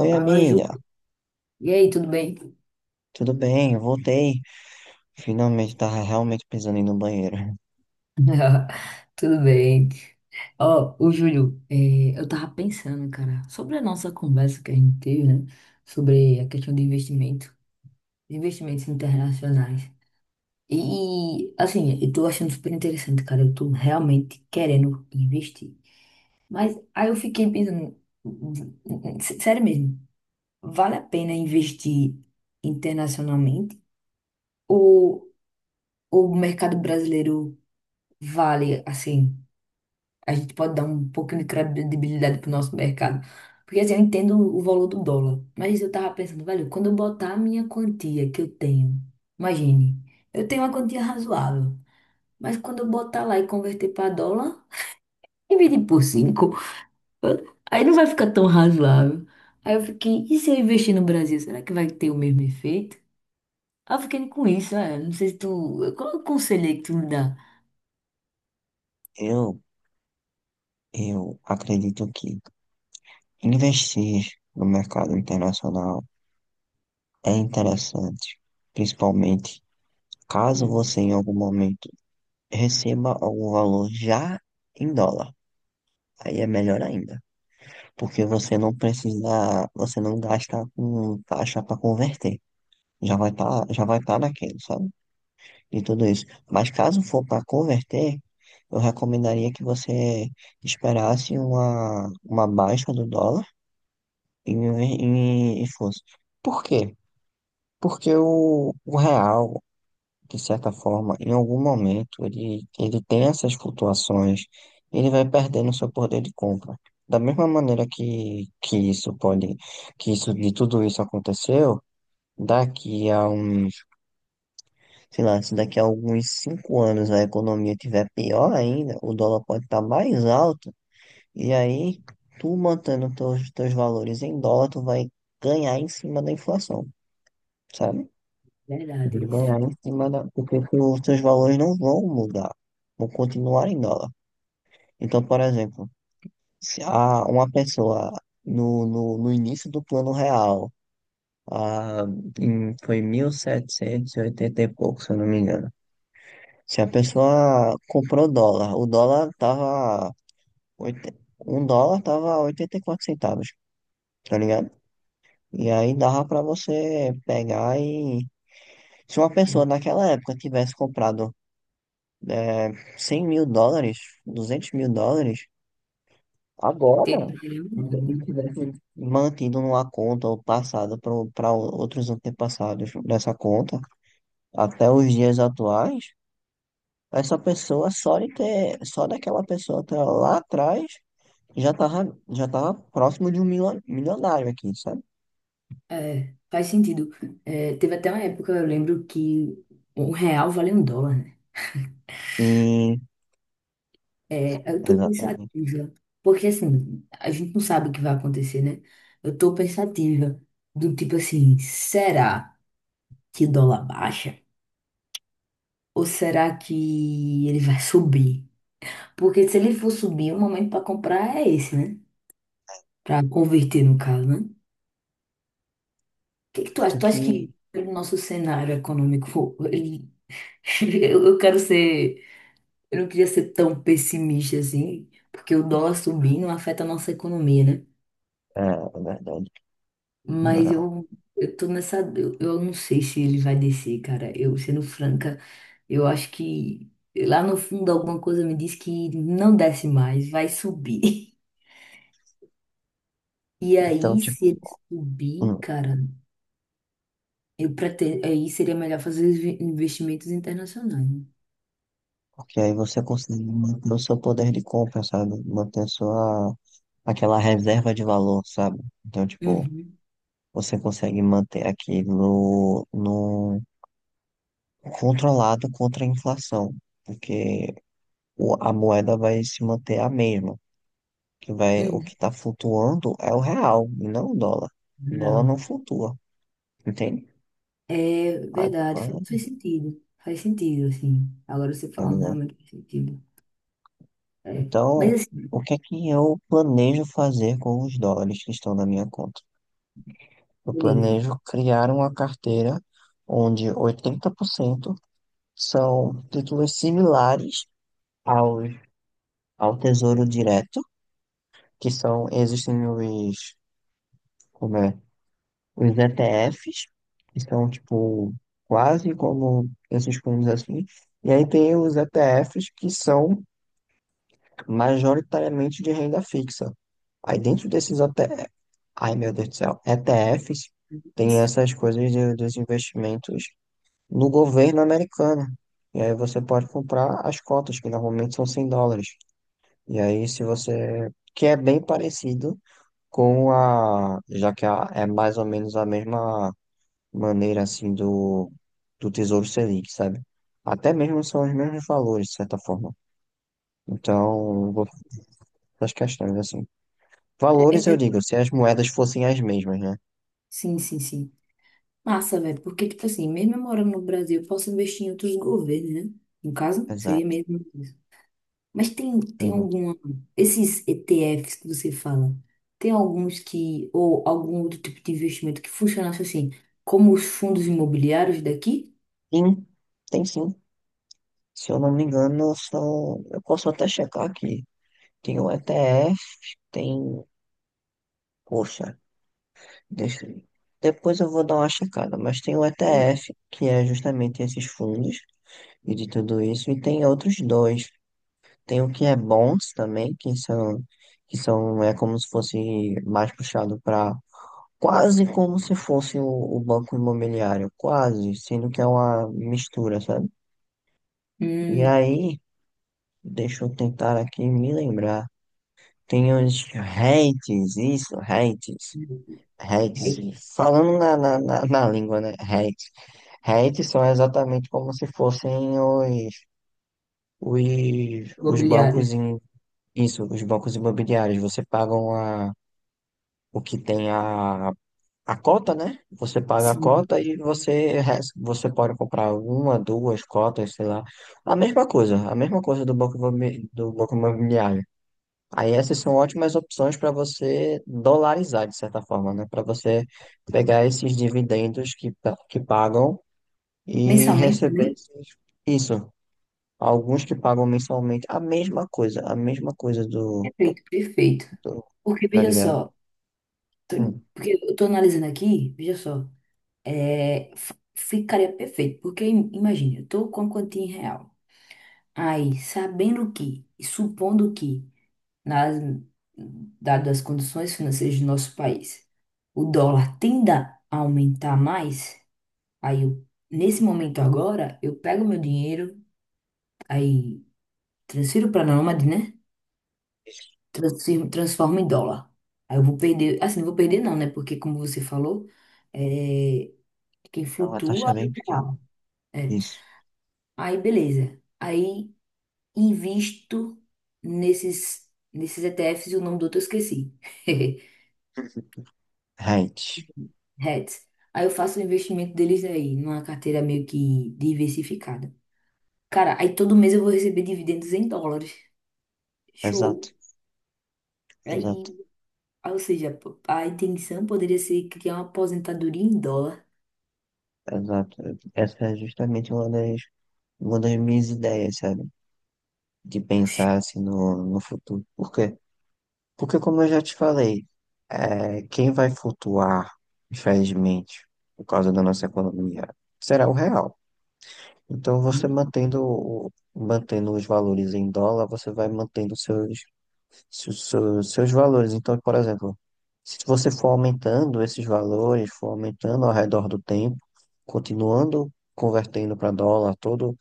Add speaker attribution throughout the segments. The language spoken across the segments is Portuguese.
Speaker 1: Oi,
Speaker 2: Fala, Ju.
Speaker 1: amiga.
Speaker 2: E aí, tudo bem?
Speaker 1: Tudo bem? Eu voltei. Finalmente tava realmente precisando ir no banheiro.
Speaker 2: Tudo bem. Ó, ô Júlio, eu tava pensando, cara, sobre a nossa conversa que a gente teve, né? Sobre a questão de investimento, de investimentos internacionais. E, assim, eu tô achando super interessante, cara. Eu tô realmente querendo investir. Mas aí eu fiquei pensando, sério mesmo, vale a pena investir internacionalmente? Ou ou o mercado brasileiro vale, assim? A gente pode dar um pouquinho de credibilidade pro nosso mercado. Porque assim, eu entendo o valor do dólar, mas eu tava pensando, velho, quando eu botar a minha quantia que eu tenho, imagine, eu tenho uma quantia razoável, mas quando eu botar lá e converter para dólar, dividir por cinco, aí não vai ficar tão razoável. Aí eu fiquei, e se eu investir no Brasil, será que vai ter o mesmo efeito? Aí eu fiquei com isso, não sei se tu, qual é o conselho aí que tu me dá?
Speaker 1: Eu, eu acredito que investir no mercado internacional é interessante, principalmente caso
Speaker 2: Hum,
Speaker 1: você em algum momento receba algum valor já em dólar. Aí é melhor ainda, porque você não precisa, você não gasta com taxa para converter. Já vai estar naquele, sabe? De tudo isso. Mas caso for para converter, eu recomendaria que você esperasse uma baixa do dólar e fosse. Por quê? Porque o real, de certa forma, em algum momento, ele tem essas flutuações, ele vai perdendo seu poder de compra. Da mesma maneira que isso pode, que isso, de tudo isso aconteceu, daqui a um. Sei lá, se daqui a alguns 5 anos a economia tiver pior ainda, o dólar pode estar mais alto, e aí tu mantendo teus valores em dólar, tu vai ganhar em cima da inflação, sabe? Tu
Speaker 2: verdade
Speaker 1: vai
Speaker 2: isso.
Speaker 1: ganhar em cima da. Porque os teus valores não vão mudar, vão continuar em dólar. Então, por exemplo, se a, uma pessoa no início do plano real, a, foi 1780 e oitenta e pouco, se eu não me engano. Se a pessoa comprou dólar, o dólar tava. oit- Um dólar tava 84 centavos, tá ligado? E aí dava pra você pegar e. Se uma pessoa naquela época tivesse comprado é, 100 mil dólares, 200 mil dólares, agora,
Speaker 2: Teria, teria mudado,
Speaker 1: e
Speaker 2: né?
Speaker 1: tivesse mantido numa conta ou passado para outros antepassados dessa conta, até os dias atuais, essa pessoa só de ter, só daquela pessoa ter lá atrás. Já tava próximo de um milionário aqui, sabe?
Speaker 2: É, faz sentido. É, teve até uma época, eu lembro que um real vale um dólar, né?
Speaker 1: Sim,
Speaker 2: É, eu tô
Speaker 1: exatamente.
Speaker 2: pensativa, porque assim, a gente não sabe o que vai acontecer, né? Eu tô pensativa, do tipo assim, será que o dólar baixa? Ou será que ele vai subir? Porque se ele for subir, o momento para comprar é esse, né? Para converter, no caso, né? O que que tu
Speaker 1: Tanto
Speaker 2: acha? Tu acha
Speaker 1: que,
Speaker 2: que pelo nosso cenário econômico, ele... eu quero ser. Eu não queria ser tão pessimista assim, porque o dólar subir não afeta a nossa economia, né?
Speaker 1: é verdade,
Speaker 2: Mas
Speaker 1: milionário.
Speaker 2: eu tô nessa. Eu não sei se ele vai descer, cara. Eu, sendo franca, eu acho que lá no fundo alguma coisa me diz que não desce mais, vai subir. E
Speaker 1: Então,
Speaker 2: aí, se
Speaker 1: tipo,
Speaker 2: ele subir,
Speaker 1: hum,
Speaker 2: cara, eu pretendo. Aí seria melhor fazer os investimentos internacionais. Né?
Speaker 1: porque aí você consegue manter o seu poder de compra, sabe? Manter sua, aquela reserva de valor, sabe? Então, tipo,
Speaker 2: Uhum,
Speaker 1: você consegue manter aquilo no controlado contra a inflação, porque a moeda vai se manter a mesma. O que
Speaker 2: uhum.
Speaker 1: está flutuando é o real, e não o dólar. O dólar não
Speaker 2: Real.
Speaker 1: flutua, entende?
Speaker 2: É
Speaker 1: Aí,
Speaker 2: verdade, faz, faz sentido. Faz sentido, assim. Agora você
Speaker 1: tá
Speaker 2: falando
Speaker 1: ligado?
Speaker 2: realmente faz sentido. É. Mas
Speaker 1: Então,
Speaker 2: assim,
Speaker 1: o que é que eu planejo fazer com os dólares que estão na minha conta? Eu
Speaker 2: beleza.
Speaker 1: planejo criar uma carteira onde 80% são títulos similares aos, ao Tesouro Direto, que são, existem os, como é? Os ETFs, que são tipo quase como esses fundos assim, e aí tem os ETFs que são majoritariamente de renda fixa. Aí dentro desses ETFs, ai meu Deus do céu, ETFs tem essas coisas dos investimentos no governo americano. E aí você pode comprar as cotas, que normalmente são 100 dólares. E aí se você, que é bem parecido com a, já que é mais ou menos a mesma maneira assim do Tesouro Selic, sabe? Até mesmo são os mesmos valores, de certa forma. Então, eu vou fazer as questões assim.
Speaker 2: é- é-
Speaker 1: Valores, eu
Speaker 2: é-
Speaker 1: digo, se as moedas fossem as mesmas, né?
Speaker 2: sim, sim, sim. Massa, velho. Porque, tipo assim, mesmo eu morando no Brasil, eu posso investir em outros governos, né? No caso, seria
Speaker 1: Exato,
Speaker 2: mesmo isso. Mas tem, tem
Speaker 1: exato.
Speaker 2: alguma. Esses ETFs que você fala, tem alguns que. Ou algum outro tipo de investimento que funcionasse assim, como os fundos imobiliários daqui?
Speaker 1: Sim, tem sim. Se eu não me engano, são. Eu posso até checar aqui. Tem o ETF, tem. Poxa, deixa eu. Depois eu vou dar uma checada, mas tem o ETF, que é justamente esses fundos e de tudo isso, e tem outros dois. Tem o que é bons também, que são, é como se fosse mais puxado para quase como se fosse o banco imobiliário, quase, sendo que é uma mistura, sabe? E
Speaker 2: Hum,
Speaker 1: aí, deixa eu tentar aqui me lembrar. Tem os REITs, isso, REITs, REITs,
Speaker 2: é,
Speaker 1: falando na língua, né? REITs. REITs são exatamente como se fossem os
Speaker 2: imobiliários.
Speaker 1: bancos isso, os bancos imobiliários. Você paga uma o que tem a cota, né? Você paga a
Speaker 2: Sim.
Speaker 1: cota e você, você pode comprar uma, duas cotas, sei lá. A mesma coisa do banco, do banco imobiliário. Aí essas são ótimas opções para você dolarizar, de certa forma, né? Para você pegar esses dividendos que, que pagam e
Speaker 2: Mensalmente
Speaker 1: receber
Speaker 2: também?
Speaker 1: esses-. Isso. Alguns que pagam mensalmente a mesma coisa do,
Speaker 2: Perfeito, perfeito.
Speaker 1: do
Speaker 2: Porque,
Speaker 1: Tá
Speaker 2: veja
Speaker 1: ligado?
Speaker 2: só, tô-
Speaker 1: Hum,
Speaker 2: porque eu tô analisando aqui, veja só, ficaria perfeito. Porque, imagine, eu tô com a quantia em real. Aí, sabendo que, e supondo que, nas, dadas as condições financeiras do nosso país, o dólar tenda a aumentar mais, aí, eu, nesse momento agora, eu pego meu dinheiro, aí transfiro para a Nômade, né? Transforma em dólar. Aí eu vou perder, assim, não vou perder não, né? Porque como você falou, é, quem
Speaker 1: É uma taxa
Speaker 2: flutua é
Speaker 1: bem
Speaker 2: o
Speaker 1: pequena.
Speaker 2: real. É.
Speaker 1: Isso.
Speaker 2: Aí beleza. Aí invisto nesses nesses ETFs e o nome do outro eu esqueci.
Speaker 1: Right.
Speaker 2: Hats. Aí eu faço o investimento deles aí, numa carteira meio que diversificada. Cara, aí todo mês eu vou receber dividendos em dólares.
Speaker 1: Exato,
Speaker 2: Show. Aí,
Speaker 1: exato,
Speaker 2: ou seja, a intenção poderia ser criar uma aposentadoria em dólar.
Speaker 1: exato. Essa é justamente uma das, minhas ideias, sabe? De pensar assim no futuro. Por quê? Porque, como eu já te falei, quem vai flutuar, infelizmente, por causa da nossa economia, será o real. Então, você mantendo, mantendo os valores em dólar, você vai mantendo seus, se seus, seus valores. Então, por exemplo, se você for aumentando esses valores, for aumentando ao redor do tempo, continuando convertendo para dólar, todo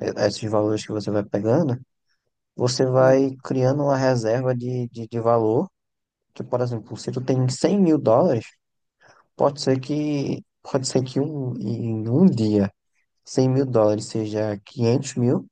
Speaker 1: esses valores que você vai pegando, você vai
Speaker 2: Hum,
Speaker 1: criando uma reserva de valor, que, por exemplo, se tu tem 100 mil dólares, pode ser que, pode ser que um, em um dia 100 mil dólares seja 500 mil,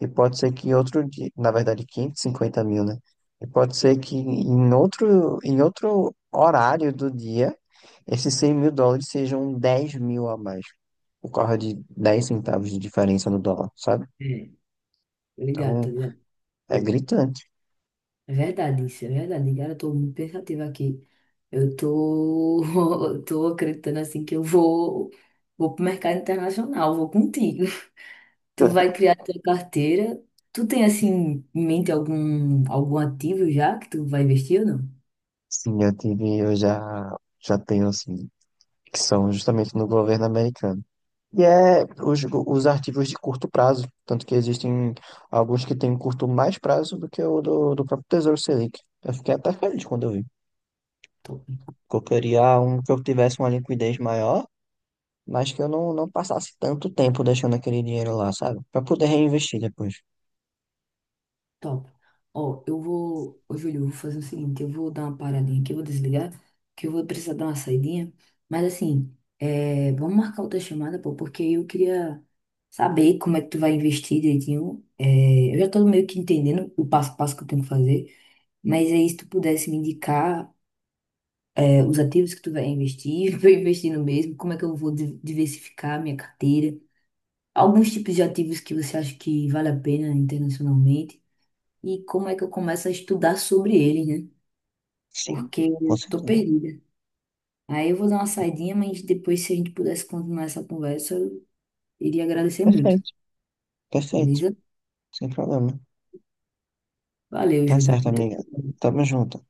Speaker 1: e pode ser que em outro dia, na verdade, 550 mil, né? E pode ser que em outro, horário do dia, esses 100 mil dólares sejam 10 mil a mais, por causa de 10 centavos de diferença no dólar, sabe?
Speaker 2: é, ligado, tá
Speaker 1: Então,
Speaker 2: ligado?
Speaker 1: é
Speaker 2: Hum,
Speaker 1: gritante.
Speaker 2: É verdade isso, é verdade. Cara, eu tô muito pensativa aqui. Eu tô, eu tô acreditando assim que eu vou, vou pro mercado internacional, vou contigo. Tu vai criar tua carteira. Tu tem assim em mente algum, algum ativo já que tu vai investir ou não?
Speaker 1: Sim, eu tive, eu já tenho, assim, que são justamente no governo americano. E é os arquivos de curto prazo, tanto que existem alguns que têm curto mais prazo do que o do próprio Tesouro Selic. Eu fiquei até feliz quando eu vi,
Speaker 2: Top.
Speaker 1: porque eu queria um que eu tivesse uma liquidez maior, mas que eu não passasse tanto tempo deixando aquele dinheiro lá, sabe? Para poder reinvestir depois.
Speaker 2: Top. Ó, eu vou. Ô, Júlio, eu vou fazer o seguinte: eu vou dar uma paradinha aqui, eu vou desligar, que eu vou precisar dar uma saidinha. Mas assim, é, vamos marcar outra chamada, pô, porque eu queria saber como é que tu vai investir direitinho. É, eu já tô meio que entendendo o passo a passo que eu tenho que fazer. Mas aí, se tu pudesse me indicar, é, os ativos que tu vai investir, pra eu investir no mesmo, como é que eu vou diversificar minha carteira. Alguns tipos de ativos que você acha que vale a pena internacionalmente e como é que eu começo a estudar sobre eles, né?
Speaker 1: Sim,
Speaker 2: Porque
Speaker 1: com
Speaker 2: eu tô
Speaker 1: certeza.
Speaker 2: perdida. Aí eu vou dar uma saidinha, mas depois, se a gente pudesse continuar essa conversa, eu iria agradecer muito.
Speaker 1: Perfeito, perfeito,
Speaker 2: Beleza?
Speaker 1: sem problema.
Speaker 2: Valeu,
Speaker 1: Tá
Speaker 2: Júlio.
Speaker 1: certo,
Speaker 2: Muito
Speaker 1: amiga. Tamo junto.